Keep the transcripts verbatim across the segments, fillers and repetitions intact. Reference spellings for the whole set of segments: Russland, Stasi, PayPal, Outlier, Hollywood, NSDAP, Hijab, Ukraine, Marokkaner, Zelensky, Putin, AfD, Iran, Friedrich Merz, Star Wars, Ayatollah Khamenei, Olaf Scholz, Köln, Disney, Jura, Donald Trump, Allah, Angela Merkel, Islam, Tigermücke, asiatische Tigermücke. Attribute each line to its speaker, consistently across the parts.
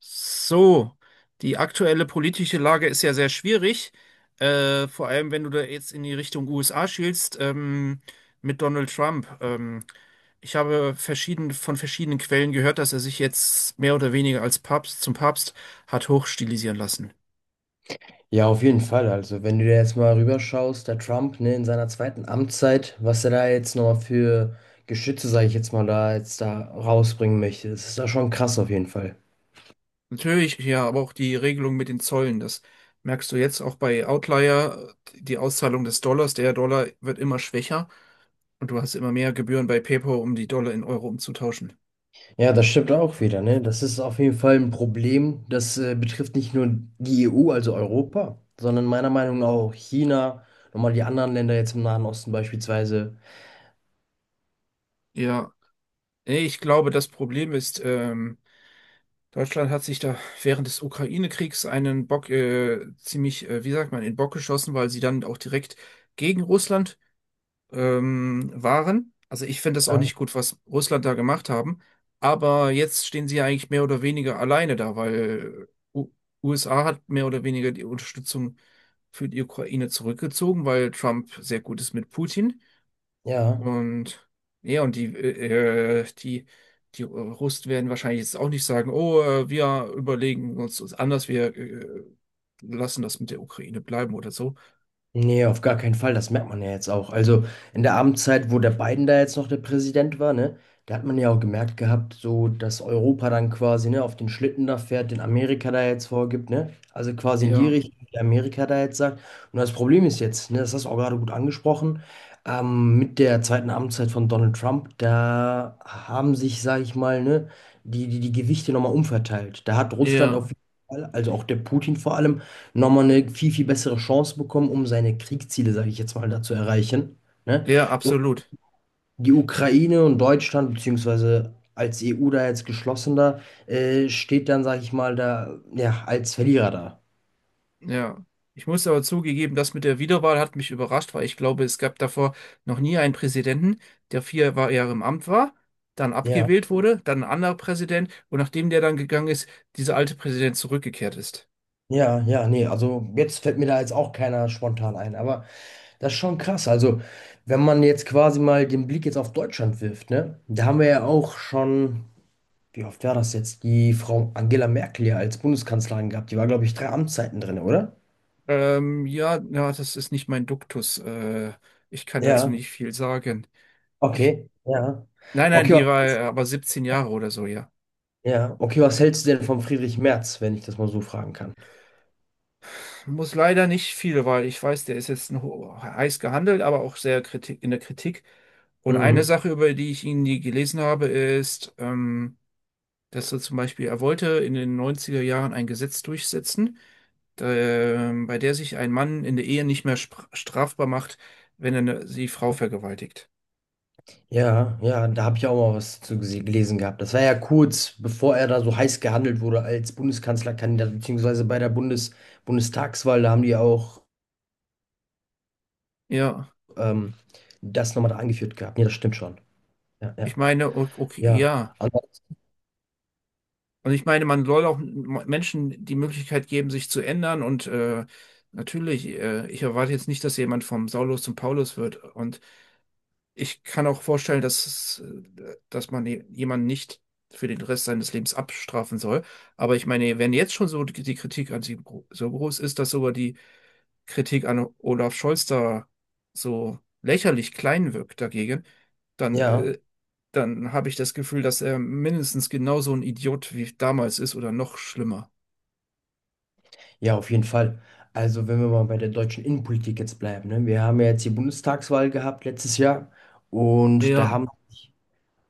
Speaker 1: So, die aktuelle politische Lage ist ja sehr schwierig, äh, vor allem wenn du da jetzt in die Richtung U S A schielst, ähm, mit Donald Trump. Ähm, ich habe verschieden, von verschiedenen Quellen gehört, dass er sich jetzt mehr oder weniger als Papst zum Papst hat hochstilisieren lassen.
Speaker 2: Ja, auf jeden Fall. Also, wenn du dir jetzt mal rüberschaust, der Trump, ne, in seiner zweiten Amtszeit, was er da jetzt nochmal für Geschütze, sage ich jetzt mal, da jetzt da rausbringen möchte, das ist da schon krass auf jeden Fall.
Speaker 1: Natürlich, ja, aber auch die Regelung mit den Zöllen, das merkst du jetzt auch bei Outlier, die Auszahlung des Dollars, der Dollar wird immer schwächer und du hast immer mehr Gebühren bei PayPal, um die Dollar in Euro umzutauschen.
Speaker 2: Ja, das stimmt auch wieder, ne? Das ist auf jeden Fall ein Problem. Das äh, betrifft nicht nur die E U, also Europa, sondern meiner Meinung nach auch China, nochmal die anderen Länder jetzt im Nahen Osten beispielsweise.
Speaker 1: Ja, nee, ich glaube, das Problem ist, ähm, Deutschland hat sich da während des Ukraine-Kriegs einen Bock äh, ziemlich, äh, wie sagt man, in den Bock geschossen, weil sie dann auch direkt gegen Russland ähm, waren. Also ich finde das auch
Speaker 2: Ja.
Speaker 1: nicht gut, was Russland da gemacht haben. Aber jetzt stehen sie ja eigentlich mehr oder weniger alleine da, weil äh, U USA hat mehr oder weniger die Unterstützung für die Ukraine zurückgezogen, weil Trump sehr gut ist mit Putin.
Speaker 2: Ja.
Speaker 1: Und ja, und die, äh, äh, die, die Russen werden wahrscheinlich jetzt auch nicht sagen, oh, äh, wir überlegen uns das anders, wir äh, lassen das mit der Ukraine bleiben oder so.
Speaker 2: Nee, auf gar keinen Fall. Das merkt man ja jetzt auch. Also in der Amtszeit, wo der Biden da jetzt noch der Präsident war, ne, da hat man ja auch gemerkt gehabt, so dass Europa dann quasi, ne, auf den Schlitten da fährt, den Amerika da jetzt vorgibt, ne? Also quasi in die
Speaker 1: Ja,
Speaker 2: Richtung, die Amerika da jetzt sagt. Und das Problem ist jetzt, ne, das hast du auch gerade gut angesprochen, ähm, mit der zweiten Amtszeit von Donald Trump, da haben sich, sage ich mal, ne, die, die, die Gewichte nochmal umverteilt. Da hat Russland auf
Speaker 1: ja,
Speaker 2: jeden Fall, also auch der Putin vor allem, nochmal eine viel, viel bessere Chance bekommen, um seine Kriegsziele, sage ich jetzt mal, da zu erreichen. Ne?
Speaker 1: ja,
Speaker 2: Und
Speaker 1: absolut.
Speaker 2: die Ukraine und Deutschland, beziehungsweise als E U da jetzt geschlossener, äh, steht dann, sage ich mal, da ja, als Verlierer da.
Speaker 1: Ja. Ich muss aber zugegeben, das mit der Wiederwahl hat mich überrascht, weil ich glaube, es gab davor noch nie einen Präsidenten, der vier Wa- Jahre im Amt war, dann
Speaker 2: Ja,
Speaker 1: abgewählt wurde, dann ein anderer Präsident und nachdem der dann gegangen ist, dieser alte Präsident zurückgekehrt ist.
Speaker 2: ja, ja, nee, also jetzt fällt mir da jetzt auch keiner spontan ein, aber das ist schon krass. Also, wenn man jetzt quasi mal den Blick jetzt auf Deutschland wirft, ne, da haben wir ja auch schon. Wie oft war das jetzt? Die Frau Angela Merkel ja als Bundeskanzlerin gehabt. Die war, glaube ich, drei Amtszeiten drin, oder?
Speaker 1: Ähm, ja, ja, das ist nicht mein Duktus. Äh, ich kann dazu
Speaker 2: Ja.
Speaker 1: nicht viel sagen. Ich,
Speaker 2: Okay, ja.
Speaker 1: nein, nein,
Speaker 2: Okay,
Speaker 1: die war äh,
Speaker 2: was,
Speaker 1: aber siebzehn Jahre oder so, ja.
Speaker 2: ja. Okay, was hältst du denn von Friedrich Merz, wenn ich das mal so fragen kann?
Speaker 1: Muss leider nicht viel, weil ich weiß, der ist jetzt ein heiß gehandelt, aber auch sehr Kritik, in der Kritik. Und eine
Speaker 2: Mhm.
Speaker 1: Sache, über die ich ihn nie gelesen habe, ist, ähm, dass er zum Beispiel, er wollte in den neunziger Jahren ein Gesetz durchsetzen, da, ähm, bei der sich ein Mann in der Ehe nicht mehr spr- strafbar macht, wenn er eine, die Frau vergewaltigt.
Speaker 2: Ja, ja, da habe ich auch mal was zu gese- gelesen gehabt. Das war ja kurz, bevor er da so heiß gehandelt wurde als Bundeskanzlerkandidat, beziehungsweise bei der Bundes Bundestagswahl, da haben die ja auch
Speaker 1: Ja.
Speaker 2: ähm, das nochmal da angeführt gehabt. Ja, das stimmt schon. Ja, ja,
Speaker 1: Ich meine, o- okay,
Speaker 2: ja.
Speaker 1: ja.
Speaker 2: An-
Speaker 1: Und ich meine, man soll auch m- Menschen die Möglichkeit geben, sich zu ändern. Und äh, natürlich, äh, ich erwarte jetzt nicht, dass jemand vom Saulus zum Paulus wird. Und ich kann auch vorstellen, dass, es, äh, dass man je- jemanden nicht für den Rest seines Lebens abstrafen soll. Aber ich meine, wenn jetzt schon so die die Kritik an sie gro- so groß ist, dass sogar die Kritik an Olaf Scholz da so lächerlich klein wirkt dagegen, dann,
Speaker 2: Ja,
Speaker 1: äh, dann habe ich das Gefühl, dass er mindestens genauso ein Idiot wie damals ist oder noch schlimmer.
Speaker 2: Ja, auf jeden Fall. Also, wenn wir mal bei der deutschen Innenpolitik jetzt bleiben, ne? Wir haben ja jetzt die Bundestagswahl gehabt letztes Jahr und da
Speaker 1: Ja,
Speaker 2: haben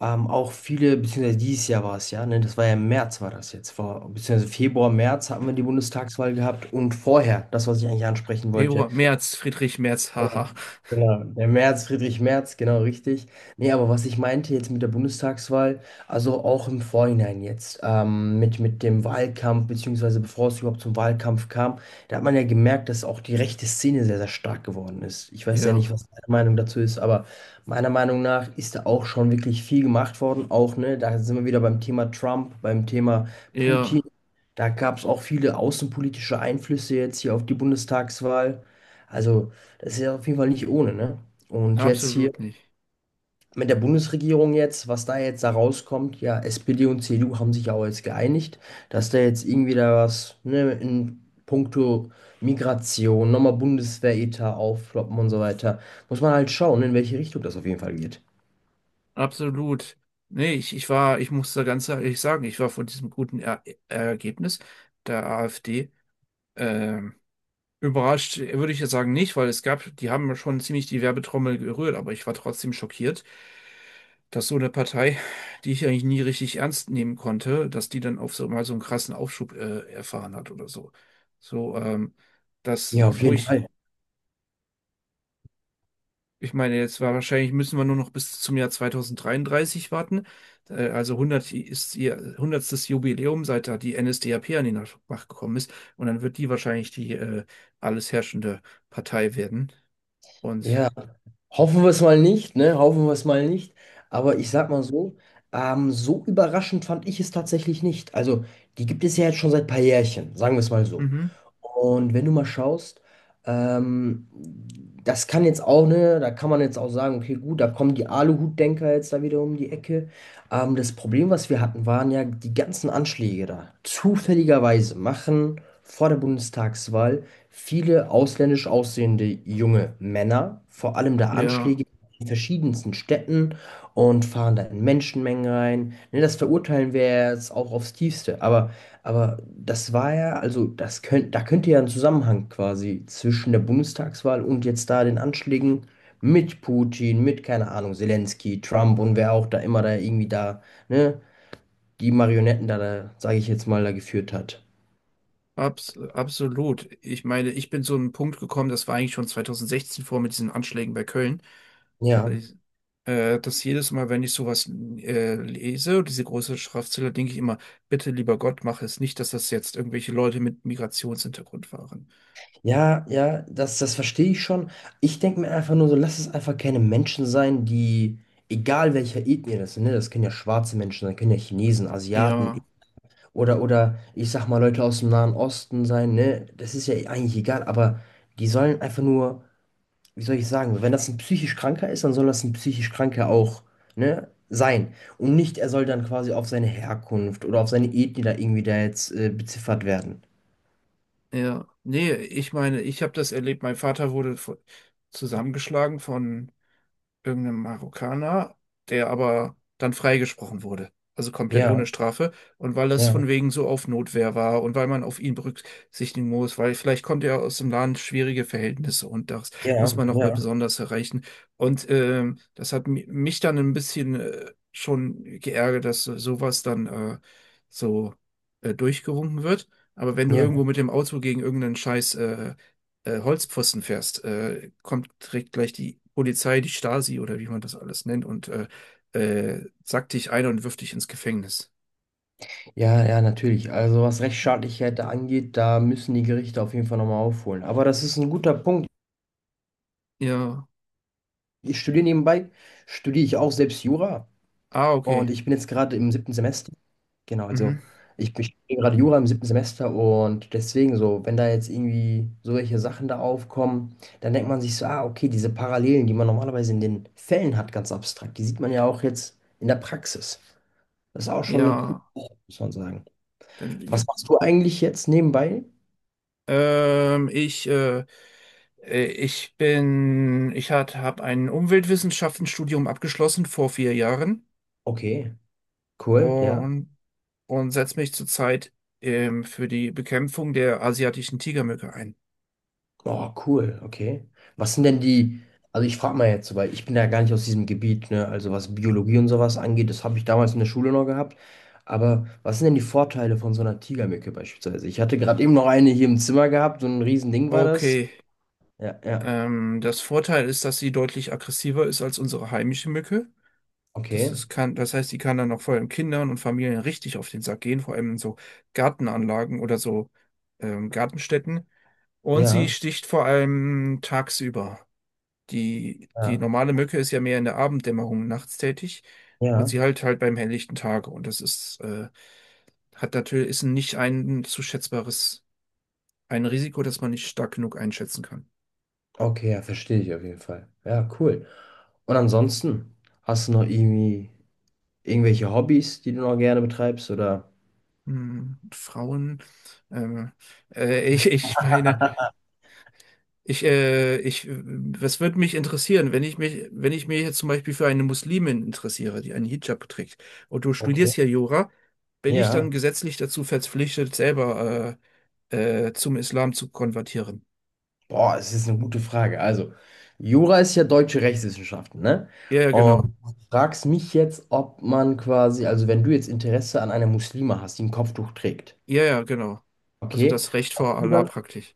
Speaker 2: ähm, auch viele, beziehungsweise dieses Jahr war es ja, ne? Das war ja im März, war das jetzt, vor, beziehungsweise Februar, März hatten wir die Bundestagswahl gehabt und vorher, das, was ich eigentlich ansprechen wollte,
Speaker 1: Ebro, Merz, Friedrich Merz,
Speaker 2: ja,
Speaker 1: haha.
Speaker 2: genau. Der Merz, Friedrich Merz, genau richtig. Nee, aber was ich meinte jetzt mit der Bundestagswahl, also auch im Vorhinein jetzt, ähm, mit, mit dem Wahlkampf, beziehungsweise bevor es überhaupt zum Wahlkampf kam, da hat man ja gemerkt, dass auch die rechte Szene sehr, sehr stark geworden ist. Ich weiß ja
Speaker 1: Ja,
Speaker 2: nicht, was deine Meinung dazu ist, aber meiner Meinung nach ist da auch schon wirklich viel gemacht worden. Auch, ne, da sind wir wieder beim Thema Trump, beim Thema Putin.
Speaker 1: ja,
Speaker 2: Da gab es auch viele außenpolitische Einflüsse jetzt hier auf die Bundestagswahl. Also. Das ist ja auf jeden Fall nicht ohne, ne? Und jetzt hier
Speaker 1: absolut nicht.
Speaker 2: mit der Bundesregierung jetzt, was da jetzt da rauskommt, ja, S P D und C D U haben sich ja auch jetzt geeinigt, dass da jetzt irgendwie da was, ne, in puncto Migration, nochmal Bundeswehretat aufploppen und so weiter. Muss man halt schauen, in welche Richtung das auf jeden Fall geht.
Speaker 1: Absolut. Nee, ich, ich war, ich muss da ganz ehrlich sagen, ich war von diesem guten er Ergebnis der AfD. ähm, Überrascht würde ich jetzt sagen nicht, weil es gab, die haben ja schon ziemlich die Werbetrommel gerührt, aber ich war trotzdem schockiert, dass so eine Partei, die ich eigentlich nie richtig ernst nehmen konnte, dass die dann auf so mal so einen krassen Aufschub äh, erfahren hat oder so. So, ähm, das,
Speaker 2: Ja, auf
Speaker 1: wo
Speaker 2: jeden
Speaker 1: ich,
Speaker 2: Fall.
Speaker 1: ich meine, jetzt war wahrscheinlich müssen wir nur noch bis zum Jahr zwanzig dreiunddreißig warten. Äh, also hundert ist ihr hundertsten. Jubiläum, seit da die N S D A P an die Macht gekommen ist. Und dann wird die wahrscheinlich die äh, alles herrschende Partei werden. Und
Speaker 2: Ja, hoffen wir es mal nicht, ne? Hoffen wir es mal nicht. Aber ich sag mal so, ähm, so überraschend fand ich es tatsächlich nicht. Also, die gibt es ja jetzt schon seit ein paar Jährchen, sagen wir es mal so.
Speaker 1: mhm.
Speaker 2: Und wenn du mal schaust, ähm, das kann jetzt auch, ne, da kann man jetzt auch sagen, okay, gut, da kommen die Aluhutdenker jetzt da wieder um die Ecke. Ähm, das Problem, was wir hatten, waren ja die ganzen Anschläge da. Zufälligerweise machen vor der Bundestagswahl viele ausländisch aussehende junge Männer, vor allem da Anschläge
Speaker 1: Ja,
Speaker 2: in verschiedensten Städten und fahren da in Menschenmengen rein. Ne, das verurteilen wir ja jetzt auch aufs Tiefste. Aber, aber das war ja, also das könnt, da könnte ja ein Zusammenhang quasi zwischen der Bundestagswahl und jetzt da den Anschlägen mit Putin, mit, keine Ahnung, Zelensky, Trump und wer auch da immer da irgendwie da, ne, die Marionetten da, da sage ich jetzt mal, da geführt hat.
Speaker 1: abs absolut. Ich meine, ich bin zu einem Punkt gekommen, das war eigentlich schon zwanzig sechzehn vor mit diesen Anschlägen bei Köln. Und
Speaker 2: Ja.
Speaker 1: ich, äh, dass jedes Mal, wenn ich sowas äh, lese, diese große Schriftzelle, denke ich immer, bitte lieber Gott, mach es nicht, dass das jetzt irgendwelche Leute mit Migrationshintergrund waren.
Speaker 2: Ja, ja, das, das verstehe ich schon. Ich denke mir einfach nur so, lass es einfach keine Menschen sein, die, egal welcher Ethnie das sind, ne, das können ja schwarze Menschen sein, können ja Chinesen, Asiaten
Speaker 1: Ja,
Speaker 2: oder, oder ich sag mal Leute aus dem Nahen Osten sein, ne, das ist ja eigentlich egal, aber die sollen einfach nur, wie soll ich sagen, wenn das ein psychisch Kranker ist, dann soll das ein psychisch Kranker auch, ne, sein. Und nicht, er soll dann quasi auf seine Herkunft oder auf seine Ethnie da irgendwie da jetzt äh, beziffert werden.
Speaker 1: ja. Nee, ich meine, ich habe das erlebt, mein Vater wurde vo- zusammengeschlagen von irgendeinem Marokkaner, der aber dann freigesprochen wurde. Also komplett ohne
Speaker 2: Ja,
Speaker 1: Strafe. Und weil das
Speaker 2: ja,
Speaker 1: von wegen so auf Notwehr war und weil man auf ihn berücksichtigen muss, weil vielleicht kommt er aus dem Land schwierige Verhältnisse und das
Speaker 2: ja,
Speaker 1: muss man nochmal
Speaker 2: ja,
Speaker 1: besonders erreichen. Und ähm, das hat mi- mich dann ein bisschen äh, schon geärgert, dass so- sowas dann äh, so äh, durchgewunken wird. Aber wenn du irgendwo
Speaker 2: ja.
Speaker 1: mit dem Auto gegen irgendeinen Scheiß äh, äh, Holzpfosten fährst, äh, kommt direkt gleich die Polizei, die Stasi oder wie man das alles nennt und äh, äh, sackt dich ein und wirft dich ins Gefängnis.
Speaker 2: Ja, ja, natürlich. Also was Rechtsstaatlichkeit da angeht, da müssen die Gerichte auf jeden Fall nochmal aufholen. Aber das ist ein guter Punkt.
Speaker 1: Ja.
Speaker 2: Ich studiere nebenbei, studiere ich auch selbst Jura
Speaker 1: Ah,
Speaker 2: und
Speaker 1: okay.
Speaker 2: ich bin jetzt gerade im siebten Semester. Genau, also
Speaker 1: Mhm.
Speaker 2: ich bin ich studiere gerade Jura im siebten Semester und deswegen so, wenn da jetzt irgendwie solche Sachen da aufkommen, dann denkt man sich so, ah, okay, diese Parallelen, die man normalerweise in den Fällen hat, ganz abstrakt, die sieht man ja auch jetzt in der Praxis. Das ist auch schon eine coole
Speaker 1: Ja.
Speaker 2: Sache, muss man sagen.
Speaker 1: Dann,
Speaker 2: Was
Speaker 1: gibt-
Speaker 2: machst du eigentlich jetzt nebenbei?
Speaker 1: ähm, ich, äh, äh, ich bin, ich hat, habe ein Umweltwissenschaftenstudium abgeschlossen vor vier Jahren
Speaker 2: Okay. Cool, ja.
Speaker 1: und, und setze mich zurzeit ähm, für die Bekämpfung der asiatischen Tigermücke ein.
Speaker 2: Oh, cool, okay. Was sind denn die, also ich frage mal jetzt, so, weil ich bin ja gar nicht aus diesem Gebiet, ne? Also was Biologie und sowas angeht, das habe ich damals in der Schule noch gehabt. Aber was sind denn die Vorteile von so einer Tigermücke beispielsweise? Ich hatte gerade eben noch eine hier im Zimmer gehabt, so ein Riesending war das.
Speaker 1: Okay.
Speaker 2: Ja, ja.
Speaker 1: Ähm, das Vorteil ist, dass sie deutlich aggressiver ist als unsere heimische Mücke. Das
Speaker 2: Okay.
Speaker 1: ist, kann, das heißt, sie kann dann auch vor allem Kindern und Familien richtig auf den Sack gehen, vor allem in so Gartenanlagen oder so ähm, Gartenstätten. Und sie
Speaker 2: Ja,
Speaker 1: sticht vor allem tagsüber. Die, die
Speaker 2: ja,
Speaker 1: normale Mücke ist ja mehr in der Abenddämmerung nachts tätig und
Speaker 2: ja.
Speaker 1: sie halt halt beim helllichten Tage. Und das ist äh, hat natürlich, ist nicht ein zu schätzbares ein Risiko, das man nicht stark genug einschätzen kann.
Speaker 2: Okay, ja, verstehe ich auf jeden Fall. Ja, cool. Und ansonsten, hast du noch irgendwie irgendwelche Hobbys, die du noch gerne betreibst oder?
Speaker 1: Hm, Frauen, ähm, äh, ich, ich meine, ich, äh, ich, äh, was würde mich interessieren, wenn ich mich, wenn ich mich jetzt zum Beispiel für eine Muslimin interessiere, die einen Hijab trägt, und du studierst
Speaker 2: Okay.
Speaker 1: hier Jura, bin ich dann
Speaker 2: Ja.
Speaker 1: gesetzlich dazu verpflichtet, selber äh, äh, zum Islam zu konvertieren?
Speaker 2: Boah, es ist eine gute Frage. Also, Jura ist ja deutsche Rechtswissenschaften, ne?
Speaker 1: Ja, ja,
Speaker 2: Und
Speaker 1: genau.
Speaker 2: du fragst mich jetzt, ob man quasi, also wenn du jetzt Interesse an einer Muslima hast, die ein Kopftuch trägt,
Speaker 1: Ja, ja, genau. Also
Speaker 2: okay?
Speaker 1: das Recht vor Allah praktisch.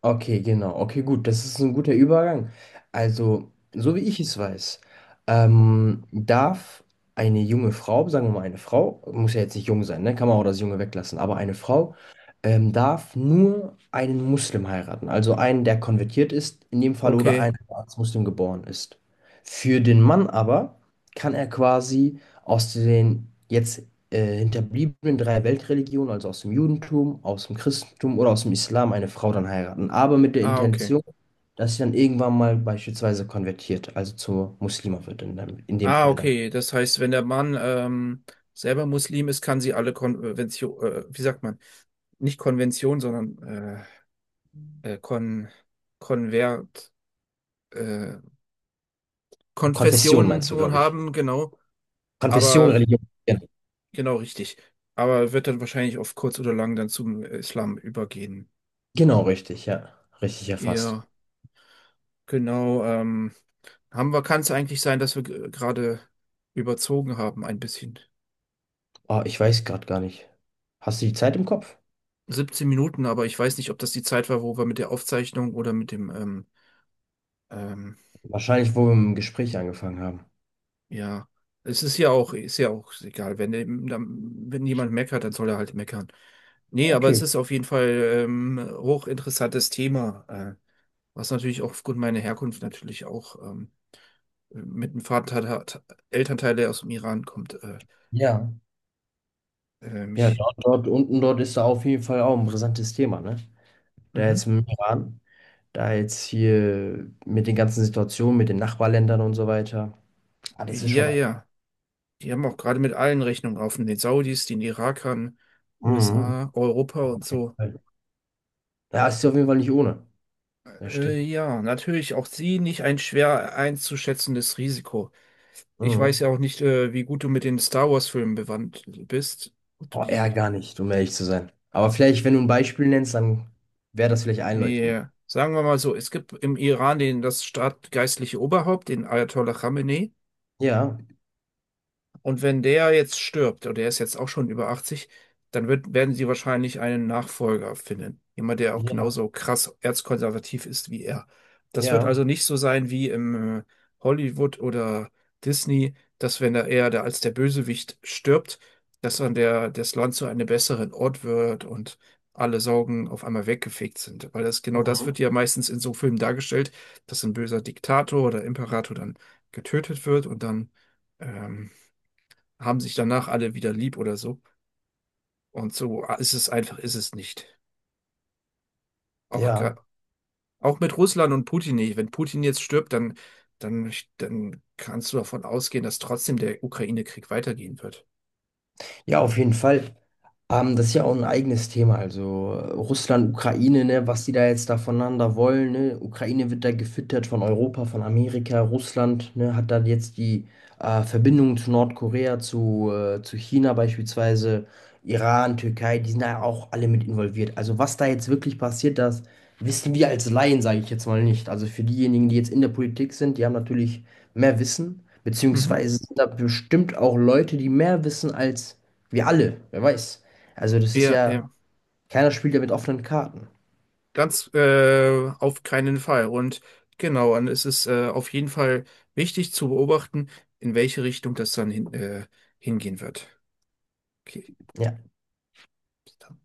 Speaker 2: Okay, genau. Okay, gut. Das ist ein guter Übergang. Also, so wie ich es weiß, ähm, darf eine junge Frau, sagen wir mal eine Frau, muss ja jetzt nicht jung sein, ne? Kann man auch das Junge weglassen, aber eine Frau ähm, darf nur einen Muslim heiraten. Also einen, der konvertiert ist, in dem Fall oder einen,
Speaker 1: Okay.
Speaker 2: der als Muslim geboren ist. Für den Mann aber kann er quasi aus den jetzt äh, Hinterbliebenen drei Weltreligionen, also aus dem Judentum, aus dem Christentum oder aus dem Islam, eine Frau dann heiraten, aber mit der
Speaker 1: Ah, okay.
Speaker 2: Intention, dass sie dann irgendwann mal beispielsweise konvertiert, also zur Muslima wird in dem, in dem
Speaker 1: Ah,
Speaker 2: Fall dann.
Speaker 1: okay. Das heißt, wenn der Mann ähm, selber Muslim ist, kann sie alle Konvention, äh, wie sagt man, nicht Konvention, sondern äh, äh, Kon Konvert, äh,
Speaker 2: Konfession
Speaker 1: Konfessionen
Speaker 2: meinst du,
Speaker 1: nun
Speaker 2: glaube ich.
Speaker 1: haben, genau.
Speaker 2: Konfession,
Speaker 1: Aber
Speaker 2: Religion. Genau,
Speaker 1: genau richtig. Aber wird dann wahrscheinlich auf kurz oder lang dann zum Islam übergehen.
Speaker 2: Genau, richtig, ja. Richtig erfasst.
Speaker 1: Ja, genau. Ähm, haben wir, kann es eigentlich sein, dass wir g- gerade überzogen haben ein bisschen.
Speaker 2: Oh, ich weiß gerade gar nicht. Hast du die Zeit im Kopf?
Speaker 1: siebzehn Minuten, aber ich weiß nicht, ob das die Zeit war, wo wir mit der Aufzeichnung oder mit dem, ähm, ähm,
Speaker 2: Wahrscheinlich, wo wir im Gespräch angefangen haben.
Speaker 1: ja, es ist ja auch, ist ja auch egal. Wenn, der- dann- wenn jemand meckert, dann soll er halt meckern. Nee, aber es
Speaker 2: Okay.
Speaker 1: ist auf jeden Fall ähm, hochinteressantes Thema, äh, was natürlich auch aufgrund meiner Herkunft natürlich auch ähm, mit einem Vater, hat- Elternteil, der aus dem Iran kommt, äh,
Speaker 2: Ja.
Speaker 1: äh,
Speaker 2: Ja,
Speaker 1: mich.
Speaker 2: dort, dort unten, dort ist da auf jeden Fall auch ein brisantes Thema, ne? Da jetzt
Speaker 1: Mhm.
Speaker 2: im Iran. Da jetzt hier mit den ganzen Situationen, mit den Nachbarländern und so weiter. Ah, das ist
Speaker 1: Ja,
Speaker 2: schon.
Speaker 1: ja. Die haben auch gerade mit allen Rechnungen offen, den Saudis, den Irakern,
Speaker 2: Mhm.
Speaker 1: U S A, Europa und so.
Speaker 2: Ja, es ist auf jeden Fall nicht ohne. Ja,
Speaker 1: Äh,
Speaker 2: stimmt.
Speaker 1: ja, natürlich auch sie nicht ein schwer einzuschätzendes Risiko. Ich weiß ja
Speaker 2: Mhm.
Speaker 1: auch nicht, äh, wie gut du mit den Star Wars-Filmen bewandt bist. Ob du
Speaker 2: Oh, eher
Speaker 1: die,
Speaker 2: gar nicht, um ehrlich zu sein. Aber vielleicht, wenn du ein Beispiel nennst, dann wäre das vielleicht einleuchtend.
Speaker 1: nee, sagen wir mal so, es gibt im Iran den, das staatgeistliche Oberhaupt, den Ayatollah Khamenei.
Speaker 2: Ja,
Speaker 1: Und wenn der jetzt stirbt, oder der ist jetzt auch schon über achtzig, dann wird, werden sie wahrscheinlich einen Nachfolger finden. Jemand, der auch
Speaker 2: ja,
Speaker 1: genauso krass erzkonservativ ist wie er. Das wird
Speaker 2: ja,
Speaker 1: also nicht so sein wie im äh, Hollywood oder Disney, dass wenn er eher der, als der Bösewicht stirbt, dass dann der, das Land zu einem besseren Ort wird und alle Sorgen auf einmal weggefegt sind. Weil das, genau das
Speaker 2: mhm.
Speaker 1: wird ja meistens in so Filmen dargestellt, dass ein böser Diktator oder Imperator dann getötet wird und dann ähm, haben sich danach alle wieder lieb oder so. Und so ist es einfach, ist es nicht. Auch, gra-
Speaker 2: Ja.
Speaker 1: auch mit Russland und Putin nicht. Wenn Putin jetzt stirbt, dann, dann, dann kannst du davon ausgehen, dass trotzdem der Ukraine-Krieg weitergehen wird.
Speaker 2: Ja, auf jeden Fall. Ähm, das ist ja auch ein eigenes Thema. Also äh, Russland, Ukraine, ne, was die da jetzt da voneinander wollen. Ne? Ukraine wird da gefüttert von Europa, von Amerika. Russland, ne, hat dann jetzt die äh, Verbindung zu Nordkorea, zu, äh, zu China beispielsweise, Iran, Türkei, die sind da auch alle mit involviert. Also was da jetzt wirklich passiert, das wissen wir als Laien, sage ich jetzt mal nicht. Also für diejenigen, die jetzt in der Politik sind, die haben natürlich mehr Wissen,
Speaker 1: Mhm.
Speaker 2: beziehungsweise sind da bestimmt auch Leute, die mehr wissen als wir alle, wer weiß. Also das ist
Speaker 1: Ja,
Speaker 2: ja,
Speaker 1: ja.
Speaker 2: keiner spielt ja mit offenen Karten.
Speaker 1: Ganz äh, auf keinen Fall. Und genau, und es ist äh, auf jeden Fall wichtig zu beobachten, in welche Richtung das dann hin, äh, hingehen wird. Okay.
Speaker 2: Ja,
Speaker 1: Bis dann.